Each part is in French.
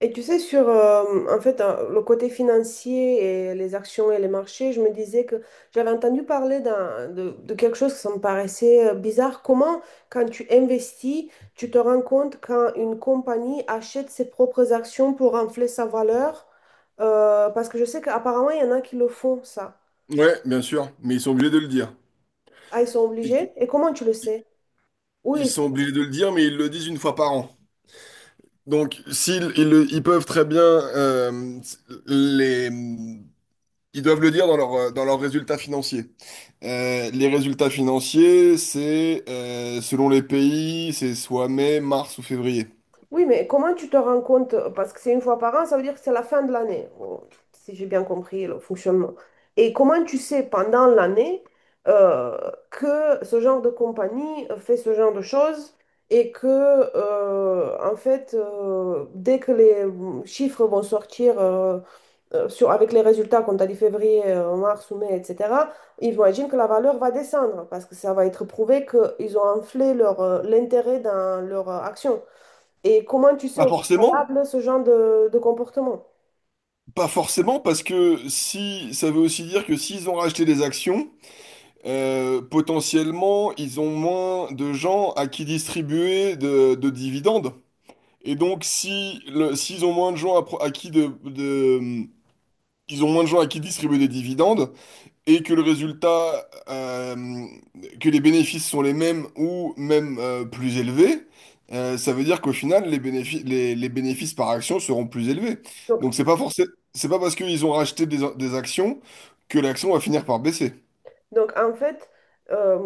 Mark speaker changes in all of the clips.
Speaker 1: Et tu sais, sur en fait, le côté financier et les actions et les marchés, je me disais que j'avais entendu parler de quelque chose qui me paraissait bizarre. Comment, quand tu investis, tu te rends compte quand une compagnie achète ses propres actions pour infler sa valeur? Parce que je sais qu'apparemment, il y en a qui le font, ça.
Speaker 2: Ouais, bien sûr, mais ils sont obligés de le dire.
Speaker 1: Ah, ils sont
Speaker 2: Ils,
Speaker 1: obligés. Et comment tu le
Speaker 2: ils-
Speaker 1: sais?
Speaker 2: ils
Speaker 1: Oui,
Speaker 2: sont obligés de le dire, mais ils le disent une fois par an. Donc, ils peuvent très bien, les, ils doivent le dire dans leurs résultats financiers. Les résultats financiers, c'est, selon les pays, c'est soit mai, mars ou février.
Speaker 1: Oui, mais comment tu te rends compte? Parce que c'est une fois par an, ça veut dire que c'est la fin de l'année, oh, si j'ai bien compris le fonctionnement. Et comment tu sais pendant l'année euh, que ce genre de compagnie fait ce genre de choses et que, en fait, dès que les chiffres vont sortir avec les résultats qu'on t'a dit février, mars ou mai, etc., ils vont imaginer que la valeur va descendre parce que ça va être prouvé qu'ils ont enflé leur, l'intérêt dans leur action. Et comment tu sais
Speaker 2: Pas
Speaker 1: au
Speaker 2: forcément,
Speaker 1: préalable ce genre de comportement?
Speaker 2: pas forcément, parce que si ça veut aussi dire que s'ils ont racheté des actions. Potentiellement, ils ont moins de gens à qui distribuer de dividendes. Et donc, si le, s'ils ont moins de gens à, pro- à qui de- ils ont moins de gens à qui distribuer des dividendes, et que que les bénéfices sont les mêmes ou même, plus élevés. Ça veut dire qu'au final, les bénéfices par action seront plus élevés.
Speaker 1: Donc,
Speaker 2: Donc, c'est pas forcément, c'est pas parce qu'ils ont racheté des actions que l'action va finir par baisser.
Speaker 1: donc, en fait, euh,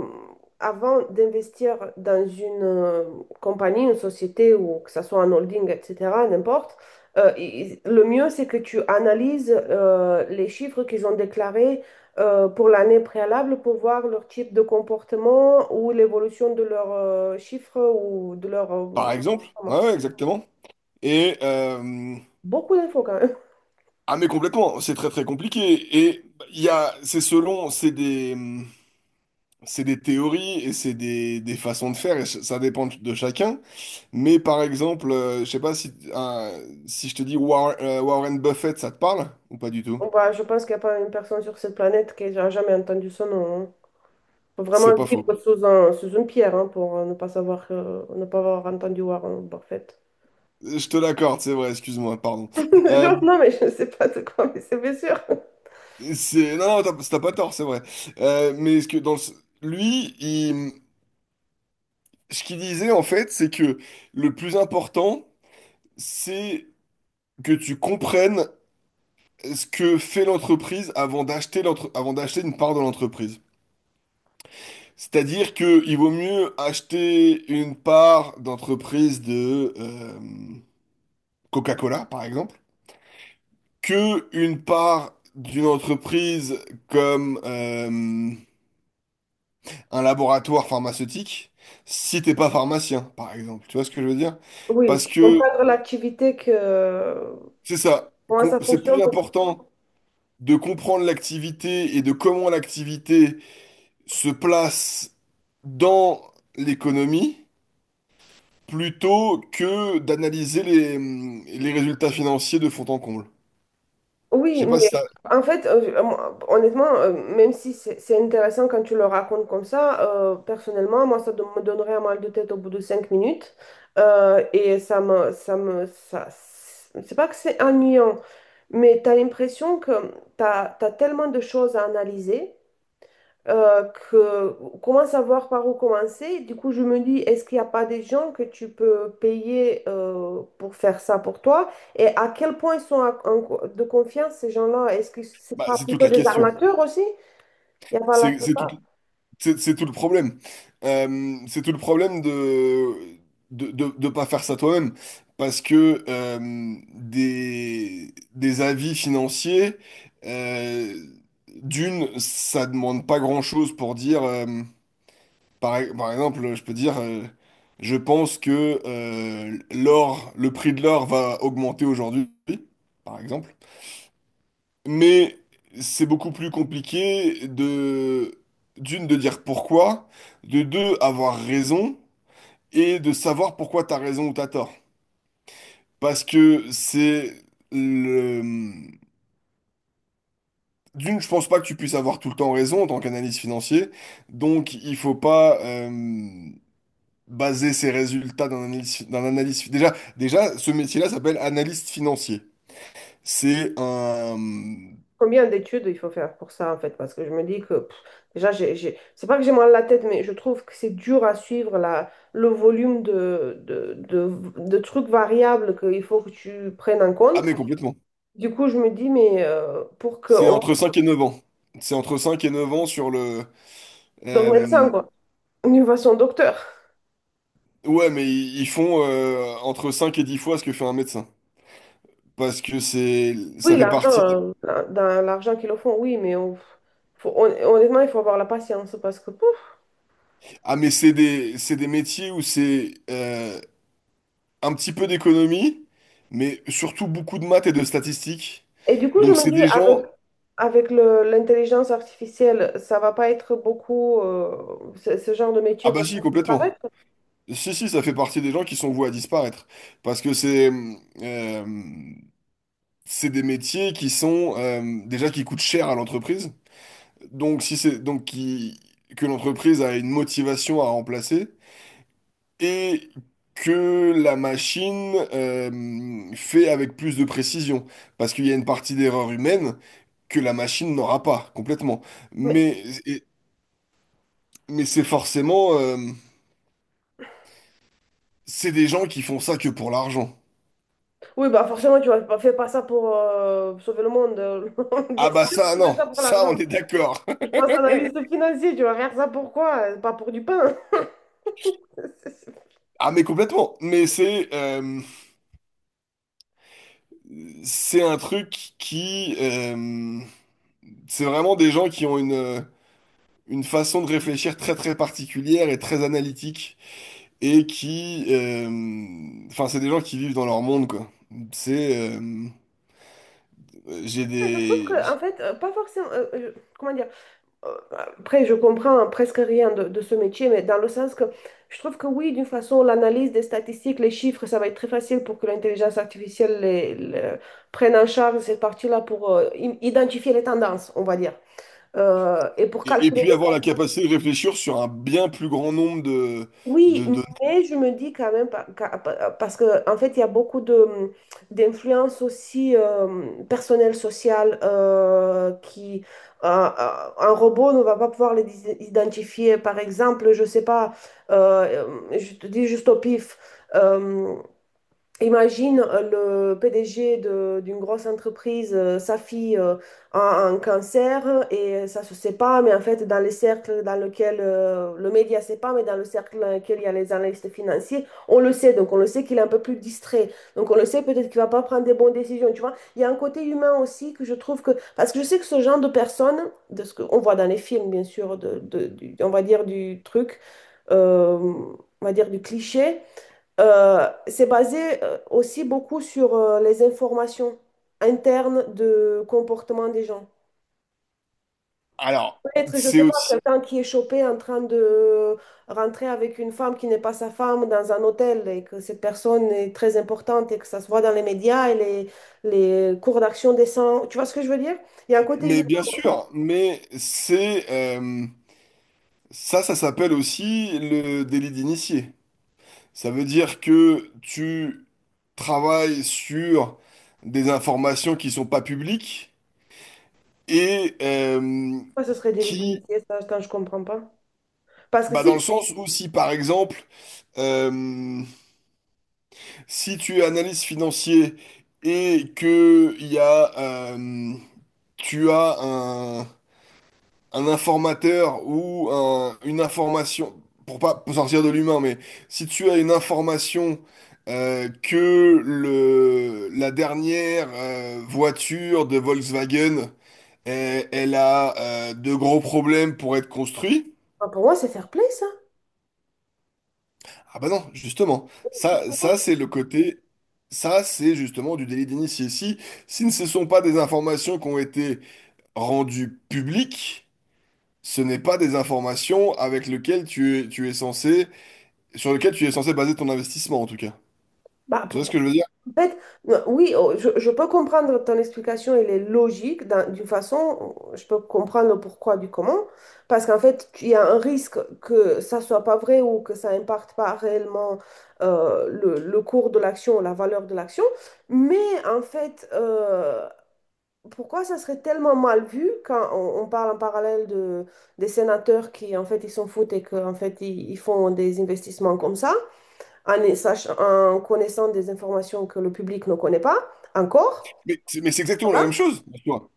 Speaker 1: avant d'investir dans une compagnie, une société ou que ce soit un holding, etc., n'importe, le mieux c'est que tu analyses les chiffres qu'ils ont déclarés pour l'année préalable pour voir leur type de comportement ou l'évolution de leurs chiffres ou de leur
Speaker 2: Par exemple, ouais,
Speaker 1: comment.
Speaker 2: ouais, exactement. Et euh,
Speaker 1: Beaucoup d'infos quand même.
Speaker 2: ah mais complètement, c'est très très compliqué. Et il y a, c'est selon, c'est des théories et c'est des façons de faire. Et ça dépend de chacun. Mais par exemple, je sais pas si je te dis Warren Buffett, ça te parle ou pas du tout?
Speaker 1: Bon, bah, je pense qu'il n'y a pas une personne sur cette planète qui n'a jamais entendu ce nom, hein. Faut
Speaker 2: C'est
Speaker 1: vraiment
Speaker 2: pas faux.
Speaker 1: vivre sous une pierre, hein, pour ne pas savoir, ne pas avoir entendu Warren Buffett.
Speaker 2: Je te l'accorde, c'est vrai. Excuse-moi, pardon. Euh,
Speaker 1: Genre, non, mais je ne sais pas de quoi, mais c'est bien sûr.
Speaker 2: c'est non, non, t'as pas tort, c'est vrai. Mais ce qu'il disait en fait, c'est que le plus important c'est que tu comprennes ce que fait l'entreprise avant d'acheter une part de l'entreprise. C'est-à-dire que il vaut mieux acheter une part d'entreprise de, Coca-Cola, par exemple, que une part d'une entreprise comme, un laboratoire pharmaceutique, si t'es pas pharmacien, par exemple. Tu vois ce que je veux dire?
Speaker 1: Oui,
Speaker 2: Parce que
Speaker 1: comprendre l'activité que, comment ça
Speaker 2: c'est
Speaker 1: fonctionne
Speaker 2: plus
Speaker 1: pour.
Speaker 2: important de comprendre l'activité et de comment l'activité se place dans l'économie plutôt que d'analyser les résultats financiers de fond en comble. Je
Speaker 1: Oui,
Speaker 2: sais pas si
Speaker 1: mais
Speaker 2: ça...
Speaker 1: en fait, moi, honnêtement, même si c'est intéressant quand tu le racontes comme ça, personnellement, moi, ça me donnerait un mal de tête au bout de 5 minutes. Et ça, c'est pas que c'est ennuyant, mais tu as l'impression que tu as tellement de choses à analyser euh, que, comment savoir par où commencer? Du coup, je me dis, est-ce qu'il n'y a pas des gens que tu peux payer pour faire ça pour toi? Et à quel point ils sont de confiance, ces gens-là? Est-ce que c'est
Speaker 2: Bah,
Speaker 1: pas
Speaker 2: c'est toute
Speaker 1: plutôt
Speaker 2: la
Speaker 1: des
Speaker 2: question.
Speaker 1: armateurs aussi? Il y a pas la
Speaker 2: C'est tout,
Speaker 1: plupart.
Speaker 2: c'est tout le problème. C'est tout le problème de de pas faire ça toi-même. Parce que, des avis financiers, euh, d'une, ça demande pas grand-chose pour dire... par exemple, je peux dire, je pense que, le prix de l'or va augmenter aujourd'hui, par exemple. Mais c'est beaucoup plus compliqué d'une, de dire pourquoi, de deux, avoir raison, et de savoir pourquoi t'as raison ou t'as tort. Parce que c'est le... D'une, je pense pas que tu puisses avoir tout le temps raison en tant qu'analyste financier, donc il faut pas... baser ses résultats d'un analyse. Déjà, ce métier-là s'appelle analyste financier. C'est un...
Speaker 1: Combien d'études il faut faire pour ça, en fait? Parce que je me dis que, pff, déjà, c'est pas que j'ai mal à la tête, mais je trouve que c'est dur à suivre le volume de trucs variables qu'il faut que tu prennes en
Speaker 2: Ah
Speaker 1: compte.
Speaker 2: mais complètement.
Speaker 1: Du coup, je me dis, mais pour
Speaker 2: C'est
Speaker 1: qu'on
Speaker 2: entre 5 et 9 ans. C'est entre 5 et 9 ans sur le...
Speaker 1: d'un
Speaker 2: euh,
Speaker 1: médecin, quoi, une façon docteur.
Speaker 2: Ouais, mais ils font, entre 5 et 10 fois ce que fait un médecin. Parce que c'est,
Speaker 1: Oui,
Speaker 2: ça fait
Speaker 1: l'argent,
Speaker 2: partie des-
Speaker 1: dans l'argent qu'ils le font, oui, mais honnêtement, il faut avoir la patience parce que, pouf.
Speaker 2: Ah mais c'est des métiers où c'est, un petit peu d'économie, mais surtout beaucoup de maths et de statistiques.
Speaker 1: Et du coup, je
Speaker 2: Donc
Speaker 1: me
Speaker 2: c'est
Speaker 1: dis,
Speaker 2: des
Speaker 1: avec
Speaker 2: gens...
Speaker 1: Avec le- l'intelligence artificielle, ça va pas être beaucoup, ce genre de métier
Speaker 2: Ah
Speaker 1: va
Speaker 2: bah
Speaker 1: pas
Speaker 2: si, complètement.
Speaker 1: disparaître.
Speaker 2: Si, si, ça fait partie des gens qui sont voués à disparaître. Parce que euh, c'est des métiers qui sont, déjà, qui coûtent cher à l'entreprise. Donc, si c'est donc qui, que l'entreprise a une motivation à remplacer et que la machine, fait avec plus de précision. Parce qu'il y a une partie d'erreur humaine que la machine n'aura pas complètement.
Speaker 1: Mais,
Speaker 2: Mais, et- mais c'est forcément, c'est des gens qui font ça que pour l'argent.
Speaker 1: oui, bah forcément, tu ne fais pas ça pour sauver le monde. Bien
Speaker 2: Ah bah
Speaker 1: sûr, que
Speaker 2: ça,
Speaker 1: tu fais
Speaker 2: non,
Speaker 1: ça pour
Speaker 2: ça
Speaker 1: l'argent.
Speaker 2: on est d'accord.
Speaker 1: Je pense analyste financier, tu vas faire ça pour quoi? Pas pour du pain. Je
Speaker 2: Ah mais complètement, mais c'est un truc qui c'est vraiment des gens qui ont une façon de réfléchir très très particulière et très analytique, et qui enfin c'est des gens qui vivent dans leur monde, quoi. C'est j'ai
Speaker 1: trouve que,
Speaker 2: des
Speaker 1: en fait, pas forcément. Comment dire? Euh, Après, je comprends presque rien de ce métier, mais dans le sens que je trouve que oui, d'une façon, l'analyse des statistiques, les chiffres, ça va être très facile pour que l'intelligence artificielle prenne en charge cette partie-là pour identifier les tendances, on va dire. Et pour
Speaker 2: Et
Speaker 1: calculer
Speaker 2: puis
Speaker 1: des.
Speaker 2: avoir la capacité de réfléchir sur un bien plus grand nombre de
Speaker 1: Oui,
Speaker 2: de données.
Speaker 1: mais je me dis quand même, parce que en fait, il y a beaucoup de d'influences aussi personnelles, sociales, qui un robot ne va pas pouvoir les identifier. Par exemple, je sais pas, euh, je te dis juste au pif, euh, imagine le PDG d'une grosse entreprise, sa fille a un cancer et ça se sait pas, mais en fait, dans les cercles dans lesquels le média sait pas, mais dans le cercle dans lequel il y a les analystes financiers, on le sait, donc on le sait qu'il est un peu plus distrait. Donc on le sait peut-être qu'il va pas prendre des bonnes décisions, tu vois. Il y a un côté humain aussi que je trouve que. Parce que je sais que ce genre de personnes, de ce qu'on voit dans les films, bien sûr, on va dire du truc, euh, on va dire du cliché. C'est basé aussi beaucoup sur les informations internes de comportement des gens.
Speaker 2: Alors,
Speaker 1: Peut-être, je
Speaker 2: c'est
Speaker 1: sais pas,
Speaker 2: aussi
Speaker 1: quelqu'un qui est chopé en train de rentrer avec une femme qui n'est pas sa femme dans un hôtel et que cette personne est très importante et que ça se voit dans les médias et les cours d'action descendent. Tu vois ce que je veux dire? Il y a un côté humain,
Speaker 2: mais bien sûr, mais c'est Ça, ça s'appelle aussi le délit d'initié. Ça veut dire que tu travailles sur des informations qui sont pas publiques et,
Speaker 1: ça, ce serait délit
Speaker 2: qui,
Speaker 1: d'initié, ça, je comprends pas. Parce que
Speaker 2: bah
Speaker 1: si,
Speaker 2: dans le sens où si par exemple, euh, si tu es analyste financier et que il y a, euh, tu as un informateur ou une information, pour pas pour sortir de l'humain, mais si tu as une information, que la dernière, voiture de Volkswagen, elle, elle a, de gros problèmes pour être construite.
Speaker 1: pour moi, c'est fair play, ça.
Speaker 2: Ah bah non, justement, ça c'est le côté... Ça, c'est justement du délit d'initié. Si ne ce sont pas des informations qui ont été rendues publiques, ce n'est pas des informations avec lesquelles tu es censé sur lequel tu es censé baser ton investissement, en tout cas.
Speaker 1: Bah,
Speaker 2: Tu vois ce
Speaker 1: pourquoi?
Speaker 2: que je veux dire?
Speaker 1: En fait, oui, oh, je peux comprendre ton explication, elle est logique d'une façon, je peux comprendre le pourquoi du comment, parce qu'en fait, il y a un risque que ça soit pas vrai ou que ça impacte pas réellement le cours de l'action, la valeur de l'action, mais en fait, pourquoi ça serait tellement mal vu quand on parle en parallèle des sénateurs qui, en fait, ils s'en foutent et qu'en fait, ils font des investissements comme ça? En connaissant des informations que le public ne connaît pas encore.
Speaker 2: Mais c'est exactement la même
Speaker 1: Voilà.
Speaker 2: chose, en soi.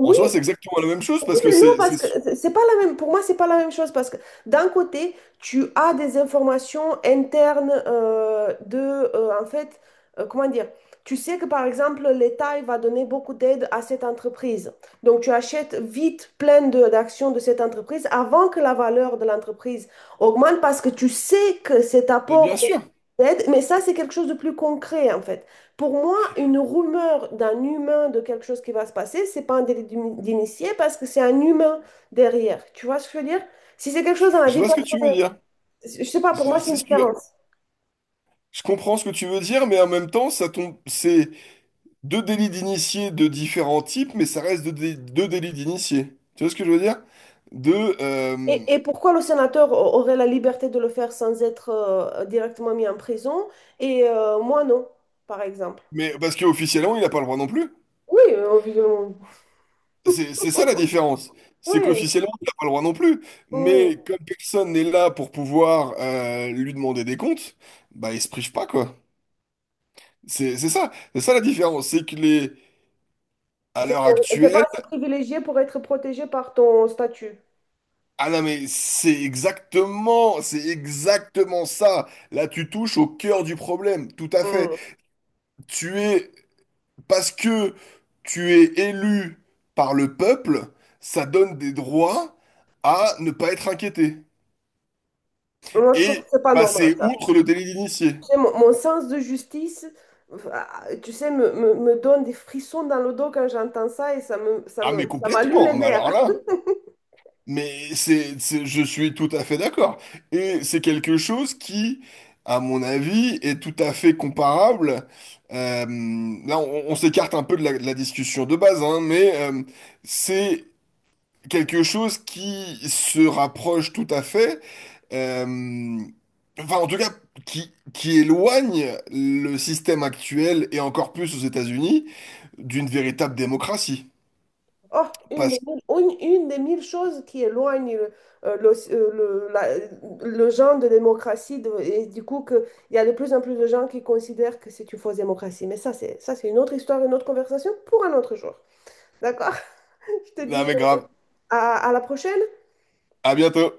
Speaker 2: En soi, c'est exactement la même chose
Speaker 1: oui,
Speaker 2: parce que
Speaker 1: mais non,
Speaker 2: c'est...
Speaker 1: parce
Speaker 2: c'est
Speaker 1: que c'est pas la même, pour moi, c'est pas la même chose parce que d'un côté, tu as des informations internes en fait, comment dire, tu sais que par exemple, l'État il va donner beaucoup d'aide à cette entreprise. Donc, tu achètes vite plein d'actions de cette entreprise avant que la valeur de l'entreprise augmente parce que tu sais que cet
Speaker 2: Mais bien
Speaker 1: apport
Speaker 2: sûr,
Speaker 1: d'aide, mais ça, c'est quelque chose de plus concret en fait. Pour moi, une rumeur d'un humain de quelque chose qui va se passer, c'est pas un délit d'initié parce que c'est un humain derrière. Tu vois ce que je veux dire? Si c'est quelque chose dans la
Speaker 2: je
Speaker 1: vie,
Speaker 2: vois ce que tu veux dire.
Speaker 1: je sais pas, pour moi,
Speaker 2: C'est
Speaker 1: c'est
Speaker 2: c'est
Speaker 1: une
Speaker 2: sûr.
Speaker 1: différence.
Speaker 2: Je comprends ce que tu veux dire, mais en même temps, ça tombe... c'est deux délits d'initié de différents types, mais ça reste deux délits d'initié. Tu vois ce que je veux dire? Deux... euh,
Speaker 1: Et pourquoi le sénateur aurait la liberté de le faire sans être directement mis en prison et moi non, par exemple?
Speaker 2: Mais parce qu'officiellement, il n'a pas le droit non plus.
Speaker 1: Oui, évidemment.
Speaker 2: C'est ça la différence. C'est
Speaker 1: Oui,
Speaker 2: qu'officiellement, t'as pas le droit non plus.
Speaker 1: oui.
Speaker 2: Mais comme personne n'est là pour pouvoir, lui demander des comptes, bah il se prive pas, quoi. C'est ça. C'est ça la différence. C'est que les. À
Speaker 1: C'est
Speaker 2: l'heure
Speaker 1: t'es pas
Speaker 2: actuelle,
Speaker 1: assez privilégié pour être protégé par ton statut.
Speaker 2: ah non mais c'est exactement ça. Là, tu touches au cœur du problème, tout à fait.
Speaker 1: Mm.
Speaker 2: Tu es, Parce que tu es élu par le peuple, ça donne des droits à ne pas être inquiété
Speaker 1: Moi, je trouve
Speaker 2: et
Speaker 1: que c'est pas normal.
Speaker 2: passer outre le délit d'initié.
Speaker 1: Tu sais, Mon sens de justice, ah, tu sais, me donne des frissons dans le dos quand j'entends ça et
Speaker 2: Ah mais
Speaker 1: ça m'allume les
Speaker 2: complètement, mais
Speaker 1: nerfs.
Speaker 2: alors là, je suis tout à fait d'accord. Et c'est quelque chose qui, à mon avis, est tout à fait comparable. euh, Là, on s'écarte un peu de la discussion de base, hein, mais, c'est quelque chose qui se rapproche tout à fait. euh, Enfin, en tout cas, qui éloigne le système actuel et encore plus aux États-Unis d'une véritable démocratie.
Speaker 1: Oh,
Speaker 2: Parce...
Speaker 1: une des mille choses qui éloigne euh, le, euh, le, la- le genre de démocratie et du coup que il y a de plus en plus de gens qui considèrent que c'est une fausse démocratie. Mais ça, c'est une autre histoire, une autre conversation pour un autre jour. D'accord? Je te
Speaker 2: Non
Speaker 1: dis
Speaker 2: mais grave,
Speaker 1: à la prochaine.
Speaker 2: à bientôt.